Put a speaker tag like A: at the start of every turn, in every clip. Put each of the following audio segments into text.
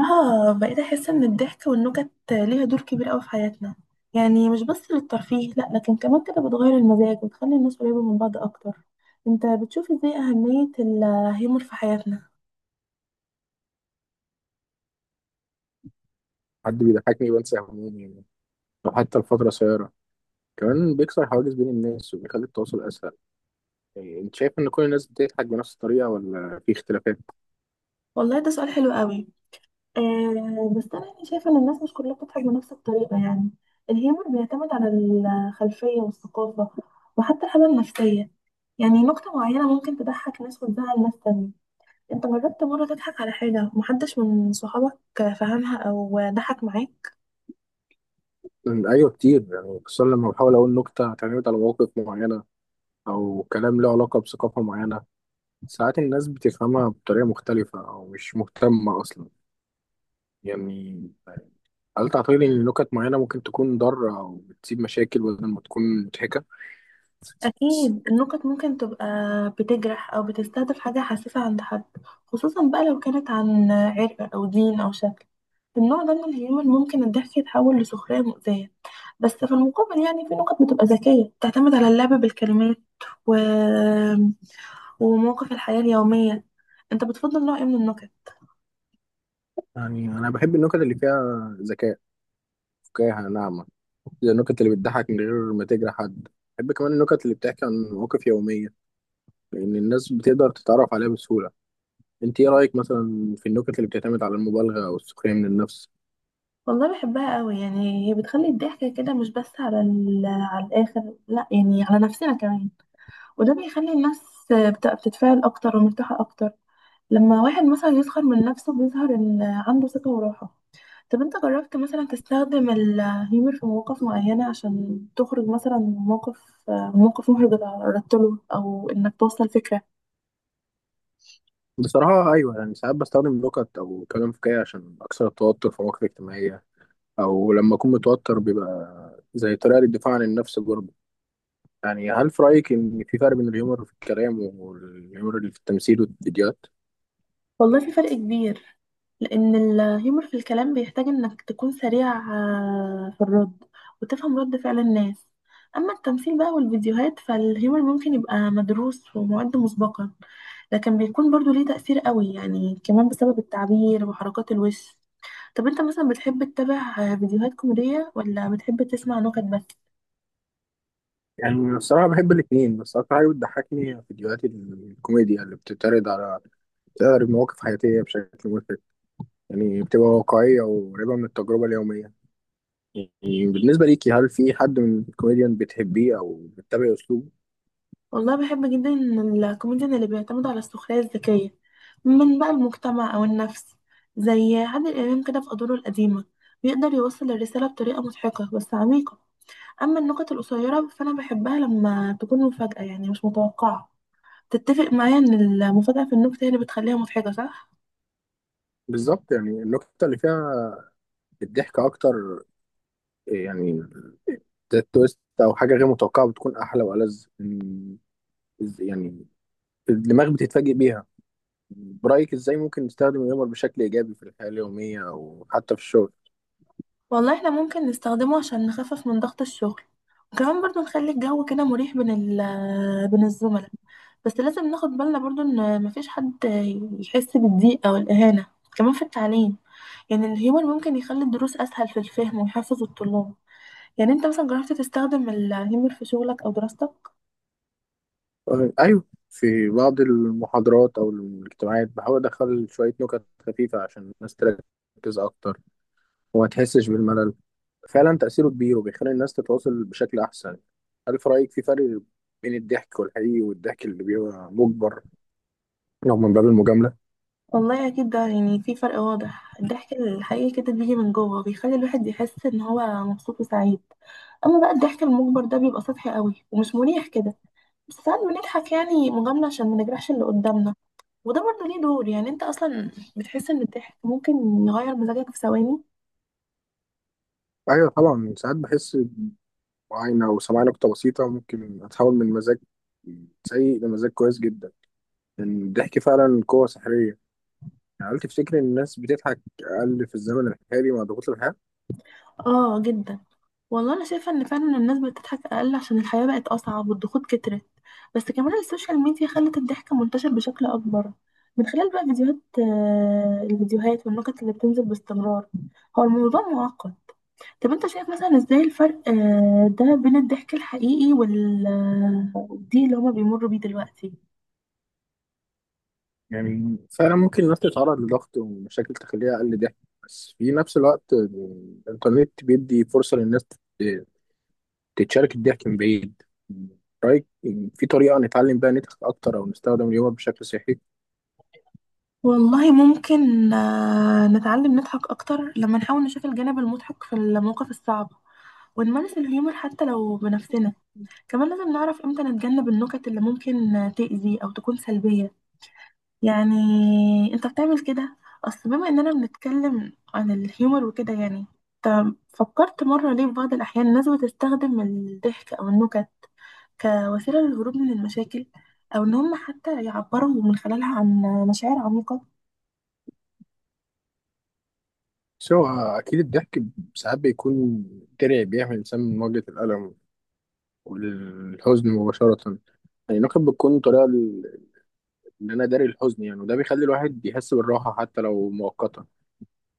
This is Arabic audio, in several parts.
A: اه، بقيت احس ان الضحك والنكت ليها دور كبير قوي في حياتنا. يعني مش بس للترفيه، لا، لكن كمان كده بتغير المزاج وتخلي الناس قريبة من بعض اكتر. انت بتشوف ازاي اهمية الهيومر في حياتنا؟
B: حد بيضحكني بنسى همومي يعني، أو حتى الفترة قصيرة. كمان بيكسر حواجز بين الناس وبيخلي التواصل أسهل. إيه، أنت شايف إن كل الناس بتضحك بنفس الطريقة ولا في اختلافات؟
A: والله ده سؤال حلو قوي. آه، بس انا يعني شايفة ان الناس مش كلها بتضحك بنفس الطريقة. يعني الهيومر بيعتمد على الخلفية والثقافة، وحتى الحالة النفسية. يعني نكتة معينة ممكن تضحك ناس وتزعل ناس تانية. انت جربت مرة تضحك على حاجة محدش من صحابك فهمها او ضحك معاك؟
B: أيوه كتير يعني، خصوصا لما بحاول أقول نكتة هتعتمد على مواقف معينة أو كلام له علاقة بثقافة معينة. ساعات الناس بتفهمها بطريقة مختلفة أو مش مهتمة أصلا يعني. هل تعتقد إن نكت معينة ممكن تكون ضارة أو بتسيب مشاكل بدل ما تكون مضحكة؟
A: اكيد النكت ممكن تبقى بتجرح او بتستهدف حاجة حساسة عند حد، خصوصا بقى لو كانت عن عرق او دين او شكل. النوع ده من الهيومر ممكن الضحك يتحول لسخرية مؤذية. بس في المقابل، يعني في نكت بتبقى ذكية بتعتمد على اللعب بالكلمات و... ومواقف الحياة اليومية. انت بتفضل نوع ايه من النكت؟
B: يعني أنا بحب النكت اللي فيها ذكاء، فكاهة ناعمة، النكت اللي بتضحك من غير ما تجرح حد. بحب كمان النكت اللي بتحكي عن مواقف يومية لأن الناس بتقدر تتعرف عليها بسهولة. انت ايه رأيك مثلا في النكت اللي بتعتمد على المبالغة أو السخرية من النفس؟
A: والله بحبها قوي. يعني هي بتخلي الضحك كده مش بس على على الاخر، لا، يعني على نفسنا كمان. وده بيخلي الناس بتتفاعل اكتر ومرتاحه اكتر. لما واحد مثلا يسخر من نفسه بيظهر ان عنده ثقه وراحه. طب انت جربت مثلا تستخدم الهيومر في مواقف معينه عشان تخرج مثلا من موقف محرج اتعرضت له، او انك توصل فكره؟
B: بصراحة أيوة، يعني ساعات بستخدم نكت أو كلام فكاهي عشان أكسر التوتر في مواقف اجتماعية، أو لما أكون متوتر بيبقى زي طريقة للدفاع عن النفس برضه. يعني هل في رأيك إن في فرق بين الهيومر في الكلام والهيومر اللي في التمثيل والفيديوهات؟
A: والله في فرق كبير، لأن الهيومر في الكلام بيحتاج إنك تكون سريع في الرد، وتفهم رد فعل الناس. أما التمثيل بقى والفيديوهات فالهيومر ممكن يبقى مدروس ومعد مسبقا، لكن بيكون برضو ليه تأثير قوي، يعني كمان بسبب التعبير وحركات الوش. طب أنت مثلا بتحب تتابع فيديوهات كوميدية، ولا بتحب تسمع نكت بس؟
B: يعني الصراحة بحب الاتنين، بس أكتر حاجة بتضحكني هي فيديوهات الكوميديا اللي بتتعرض على، بتعرض مواقف حياتية بشكل مضحك. يعني بتبقى واقعية وقريبة من التجربة اليومية. يعني بالنسبة ليكي هل في حد من الكوميديان بتحبيه أو بتتابعي أسلوبه؟
A: والله بحب جدا الكوميديان اللي بيعتمد على السخرية الذكية من بقى المجتمع أو النفس، زي عادل إمام كده في أدواره القديمة. بيقدر يوصل الرسالة بطريقة مضحكة بس عميقة. أما النكت القصيرة فأنا بحبها لما تكون مفاجأة، يعني مش متوقعة. تتفق معايا إن المفاجأة في النكتة هي اللي بتخليها مضحكة صح؟
B: بالظبط، يعني النقطة اللي فيها الضحك أكتر، يعني ده التويست أو حاجة غير متوقعة بتكون أحلى وألذ إن- يعني الدماغ بتتفاجئ بيها. برأيك إزاي ممكن نستخدم الهيومر بشكل إيجابي في الحياة اليومية أو حتى في الشغل؟
A: والله احنا ممكن نستخدمه عشان نخفف من ضغط الشغل، وكمان برضو نخلي الجو كده مريح بين ال آه، بين الزملاء. بس لازم ناخد بالنا برضو ان مفيش حد يحس بالضيق او الاهانة. كمان في التعليم، يعني الهيومر ممكن يخلي الدروس اسهل في الفهم ويحفز الطلاب. يعني انت مثلا جربت تستخدم الهيومر في شغلك او دراستك؟
B: ايوه، في بعض المحاضرات او الاجتماعات بحاول ادخل شويه نكت خفيفه عشان الناس تركز اكتر وما تحسش بالملل. فعلا تاثيره كبير وبيخلي الناس تتواصل بشكل احسن. هل في رايك في فرق بين الضحك والحقيقي والضحك اللي بيبقى مجبر لو من باب المجامله؟
A: والله اكيد ده يعني في فرق واضح. الضحك الحقيقي كده بيجي من جوه، بيخلي الواحد يحس ان هو مبسوط وسعيد. اما بقى الضحك المجبر ده بيبقى سطحي قوي ومش مريح كده. بس ساعات بنضحك يعني مجاملة عشان ما نجرحش اللي قدامنا. وده برضه ليه دور. يعني انت اصلا بتحس ان الضحك ممكن يغير مزاجك في ثواني؟
B: ايوه طبعا، ساعات بحس بعاينه او سمعت نكته بسيطه ممكن اتحول من مزاج سيء لمزاج كويس جدا، لان الضحك فعلا قوه سحريه. يعني هل تفتكر ان الناس بتضحك اقل في الزمن الحالي مع ضغوط الحياه؟
A: اه جدا. والله انا شايفة ان فعلا الناس بتضحك اقل عشان الحياة بقت اصعب والضغوط كترت. بس كمان السوشيال ميديا خلت الضحك منتشر بشكل اكبر، من خلال بقى فيديوهات الفيديوهات والنكت اللي بتنزل باستمرار. هو الموضوع معقد. طب انت شايف مثلا ازاي الفرق ده بين الضحك الحقيقي والضيق اللي هما بيمروا بيه دلوقتي؟
B: يعني فعلا ممكن الناس تتعرض لضغط ومشاكل تخليها أقل ضحك، بس في نفس الوقت الإنترنت بيدي فرصة للناس تت- تتشارك الضحك من بعيد. رأيك في طريقة نتعلم بيها نضحك أكتر أو نستخدم اليوم بشكل صحي؟
A: والله ممكن نتعلم نضحك أكتر لما نحاول نشوف الجانب المضحك في المواقف الصعبة، ونمارس الهيومر حتى لو بنفسنا. كمان لازم نعرف امتى نتجنب النكت اللي ممكن تأذي أو تكون سلبية. يعني انت بتعمل كده؟ أصل بما إننا بنتكلم عن الهيومر وكده، يعني انت فكرت مرة ليه في بعض الأحيان الناس بتستخدم الضحك أو النكت كوسيلة للهروب من المشاكل، أو إن هم حتى يعبروا من خلالها عن مشاعر عميقة؟
B: سواء أكيد الضحك ساعات بيكون درع بيحمي الإنسان من مواجهة الألم والحزن مباشرة. يعني النقد بتكون طريقة ل- إن أنا داري الحزن يعني، وده بيخلي الواحد يحس بالراحة حتى لو مؤقتا.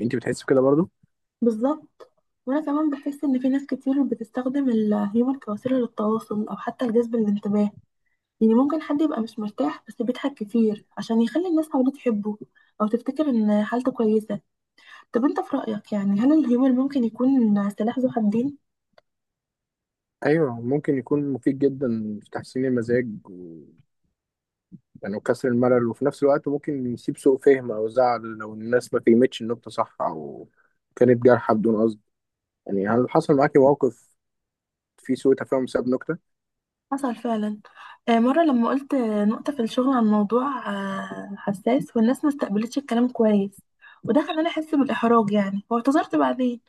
B: أنت بتحس بكده برضه؟
A: بالظبط. وانا كمان بحس ان في ناس كتير بتستخدم الهيومر كوسيله للتواصل او حتى لجذب الانتباه. يعني ممكن حد يبقى مش مرتاح بس بيضحك كتير عشان يخلي الناس حواليه تحبه، او تفتكر ان حالته كويسه. طب انت في رايك يعني هل الهيومر ممكن يكون سلاح ذو حدين؟
B: ايوه ممكن يكون مفيد جدا في تحسين المزاج و... يعني وكسر الملل، وفي نفس الوقت ممكن يسيب سوء فهم او زعل لو الناس ما فهمتش النقطه صح او كانت جارحه بدون قصد. يعني هل حصل معاكي موقف فيه سوء تفاهم بسبب نكته؟
A: حصل فعلا. مرة لما قلت نقطة في الشغل عن موضوع حساس والناس ما استقبلتش الكلام كويس، وده خلاني أحس بالإحراج، يعني واعتذرت بعدين.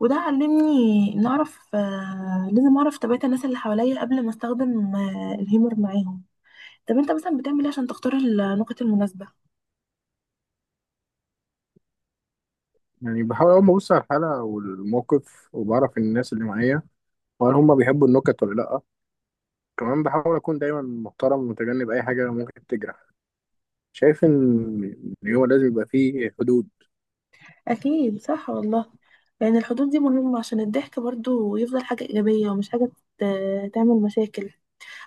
A: وده علمني إن أعرف آه، لازم أعرف طبيعة الناس اللي حواليا قبل ما أستخدم الهيمور معاهم. طب أنت مثلا بتعمل إيه عشان تختار النقط المناسبة؟
B: يعني بحاول اول ما ابص على الحاله والموقف وبعرف الناس اللي معايا وهل هم بيحبوا النكت ولا لا. كمان بحاول اكون دايما محترم ومتجنب اي حاجه ممكن تجرح. شايف ان إن هو لازم يبقى فيه حدود.
A: أكيد صح والله. لأن الحدود دي مهمة عشان الضحك برضو يفضل حاجة إيجابية ومش حاجة تعمل مشاكل.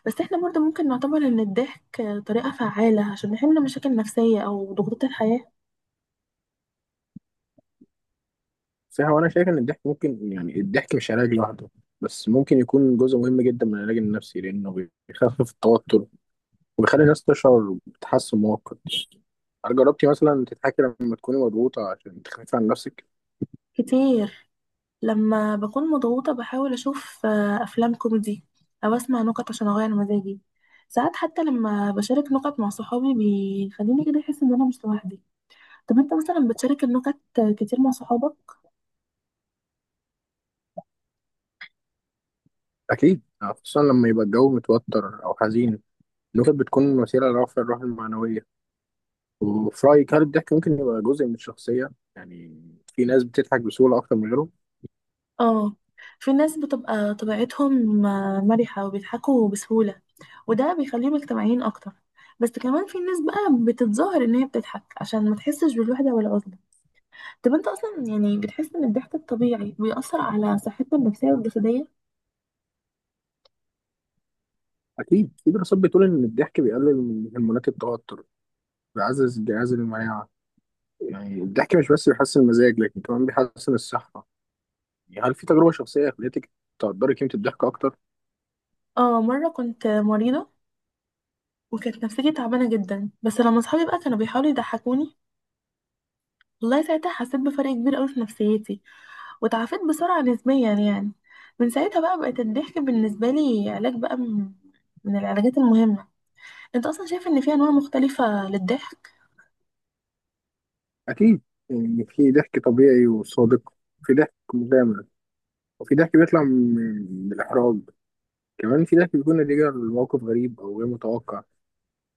A: بس احنا برضه ممكن نعتبر ان الضحك طريقة فعالة عشان نحل مشاكل نفسية او ضغوطات الحياة.
B: صح، هو انا شايف ان الضحك ممكن، يعني الضحك مش علاج لوحده، بس ممكن يكون جزء مهم جدا من العلاج النفسي لانه بيخفف التوتر وبيخلي الناس تشعر بتحسن مؤقت. هل جربتي مثلا تضحكي لما تكوني مضغوطة عشان تخففي عن نفسك؟
A: كتير. لما بكون مضغوطة بحاول اشوف افلام كوميدي، او اسمع نكت عشان اغير مزاجي. ساعات حتى لما بشارك نكت مع صحابي بيخليني كده احس ان انا مش لوحدي. طب انت مثلا بتشارك النكت كتير مع صحابك؟
B: أكيد، يعني خصوصا لما يبقى الجو متوتر أو حزين، النكت بتكون وسيلة لرفع الروح المعنوية. وفي رأيك هل الضحك ممكن يبقى جزء من الشخصية؟ يعني في ناس بتضحك بسهولة أكتر من غيرهم؟
A: اه، في ناس بتبقى طبيعتهم مرحة وبيضحكوا بسهولة، وده بيخليهم اجتماعيين اكتر. بس كمان في ناس بقى بتتظاهر ان هي بتضحك عشان ما تحسش بالوحدة والعزلة. طب انت اصلا يعني بتحس ان الضحك الطبيعي بيأثر على صحتنا النفسية والجسدية؟
B: أكيد، في دراسات بتقول إن الضحك بيقلل من هرمونات التوتر، بيعزز الجهاز المناعة. يعني الضحك مش بس بيحسن المزاج لكن كمان بيحسن الصحة. يعني هل في تجربة شخصية خلتك تقدري قيمة الضحك أكتر؟
A: اه، مرة كنت مريضة وكانت نفسيتي تعبانة جدا، بس لما صحابي بقى كانوا بيحاولوا يضحكوني والله ساعتها حسيت بفرق كبير قوي في نفسيتي، وتعافيت بسرعة نسبيا يعني. من ساعتها بقى بقت الضحك بالنسبة لي علاج بقى من من العلاجات المهمة. انت اصلا شايف ان في انواع مختلفة للضحك؟
B: أكيد، يعني في ضحك طبيعي وصادق، في ضحك مغامر، وفي ضحك بيطلع من من الإحراج. كمان في ضحك بيكون نتيجة لموقف غريب أو غير متوقع.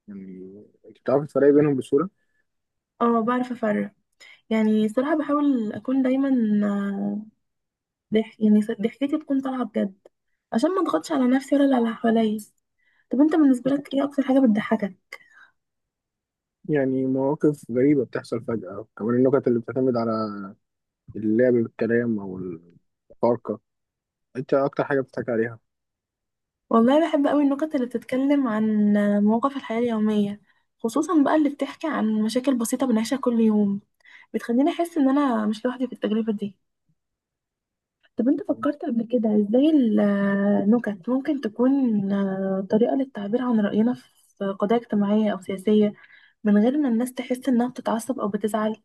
B: يعني أنت بتعرفي تفرقي بينهم بسهولة؟
A: اه، بعرف افرق. يعني صراحة بحاول أكون دايما آه، ضحكتي تكون طالعة بجد، عشان ما اضغطش على نفسي ولا على اللي حواليا. طب انت بالنسبة لك ايه أكتر حاجة بتضحكك؟
B: يعني مواقف غريبة بتحصل فجأة، كمان النكت اللي بتعتمد على اللعب بالكلام أو الفارقة. أنت أكتر حاجة بتضحك عليها؟
A: والله بحب أوي النكت اللي بتتكلم عن مواقف الحياة اليومية، خصوصا بقى اللي بتحكي عن مشاكل بسيطة بنعيشها كل يوم. بتخليني أحس إن أنا مش لوحدي في التجربة دي. طب انت فكرت قبل كده ازاي النكت ممكن تكون طريقة للتعبير عن رأينا في قضايا اجتماعية أو سياسية، من غير ما الناس تحس انها بتتعصب او بتزعل؟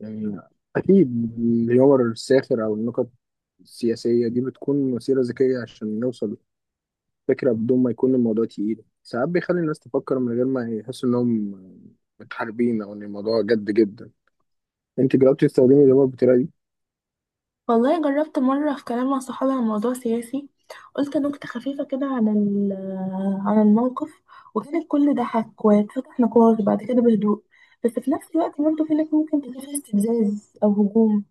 B: يعني أكيد الهيومر الساخر أو النكت السياسية دي بتكون وسيلة ذكية عشان نوصل فكرة بدون ما يكون الموضوع تقيل. ساعات بيخلي الناس تفكر من غير ما يحسوا إنهم متحاربين أو إن الموضوع جد جدا. أنت جربتي تستخدمي الهيومر بالطريقة دي؟
A: والله جربت مرة في كلام مع صحابي عن موضوع سياسي، قلت نكتة خفيفة كده عن عن الموقف، وكان الكل ضحك واتفتح نقاش بعد كده بهدوء. بس في نفس الوقت برضه في ناس ممكن تلاقي فيه استفزاز او هجوم.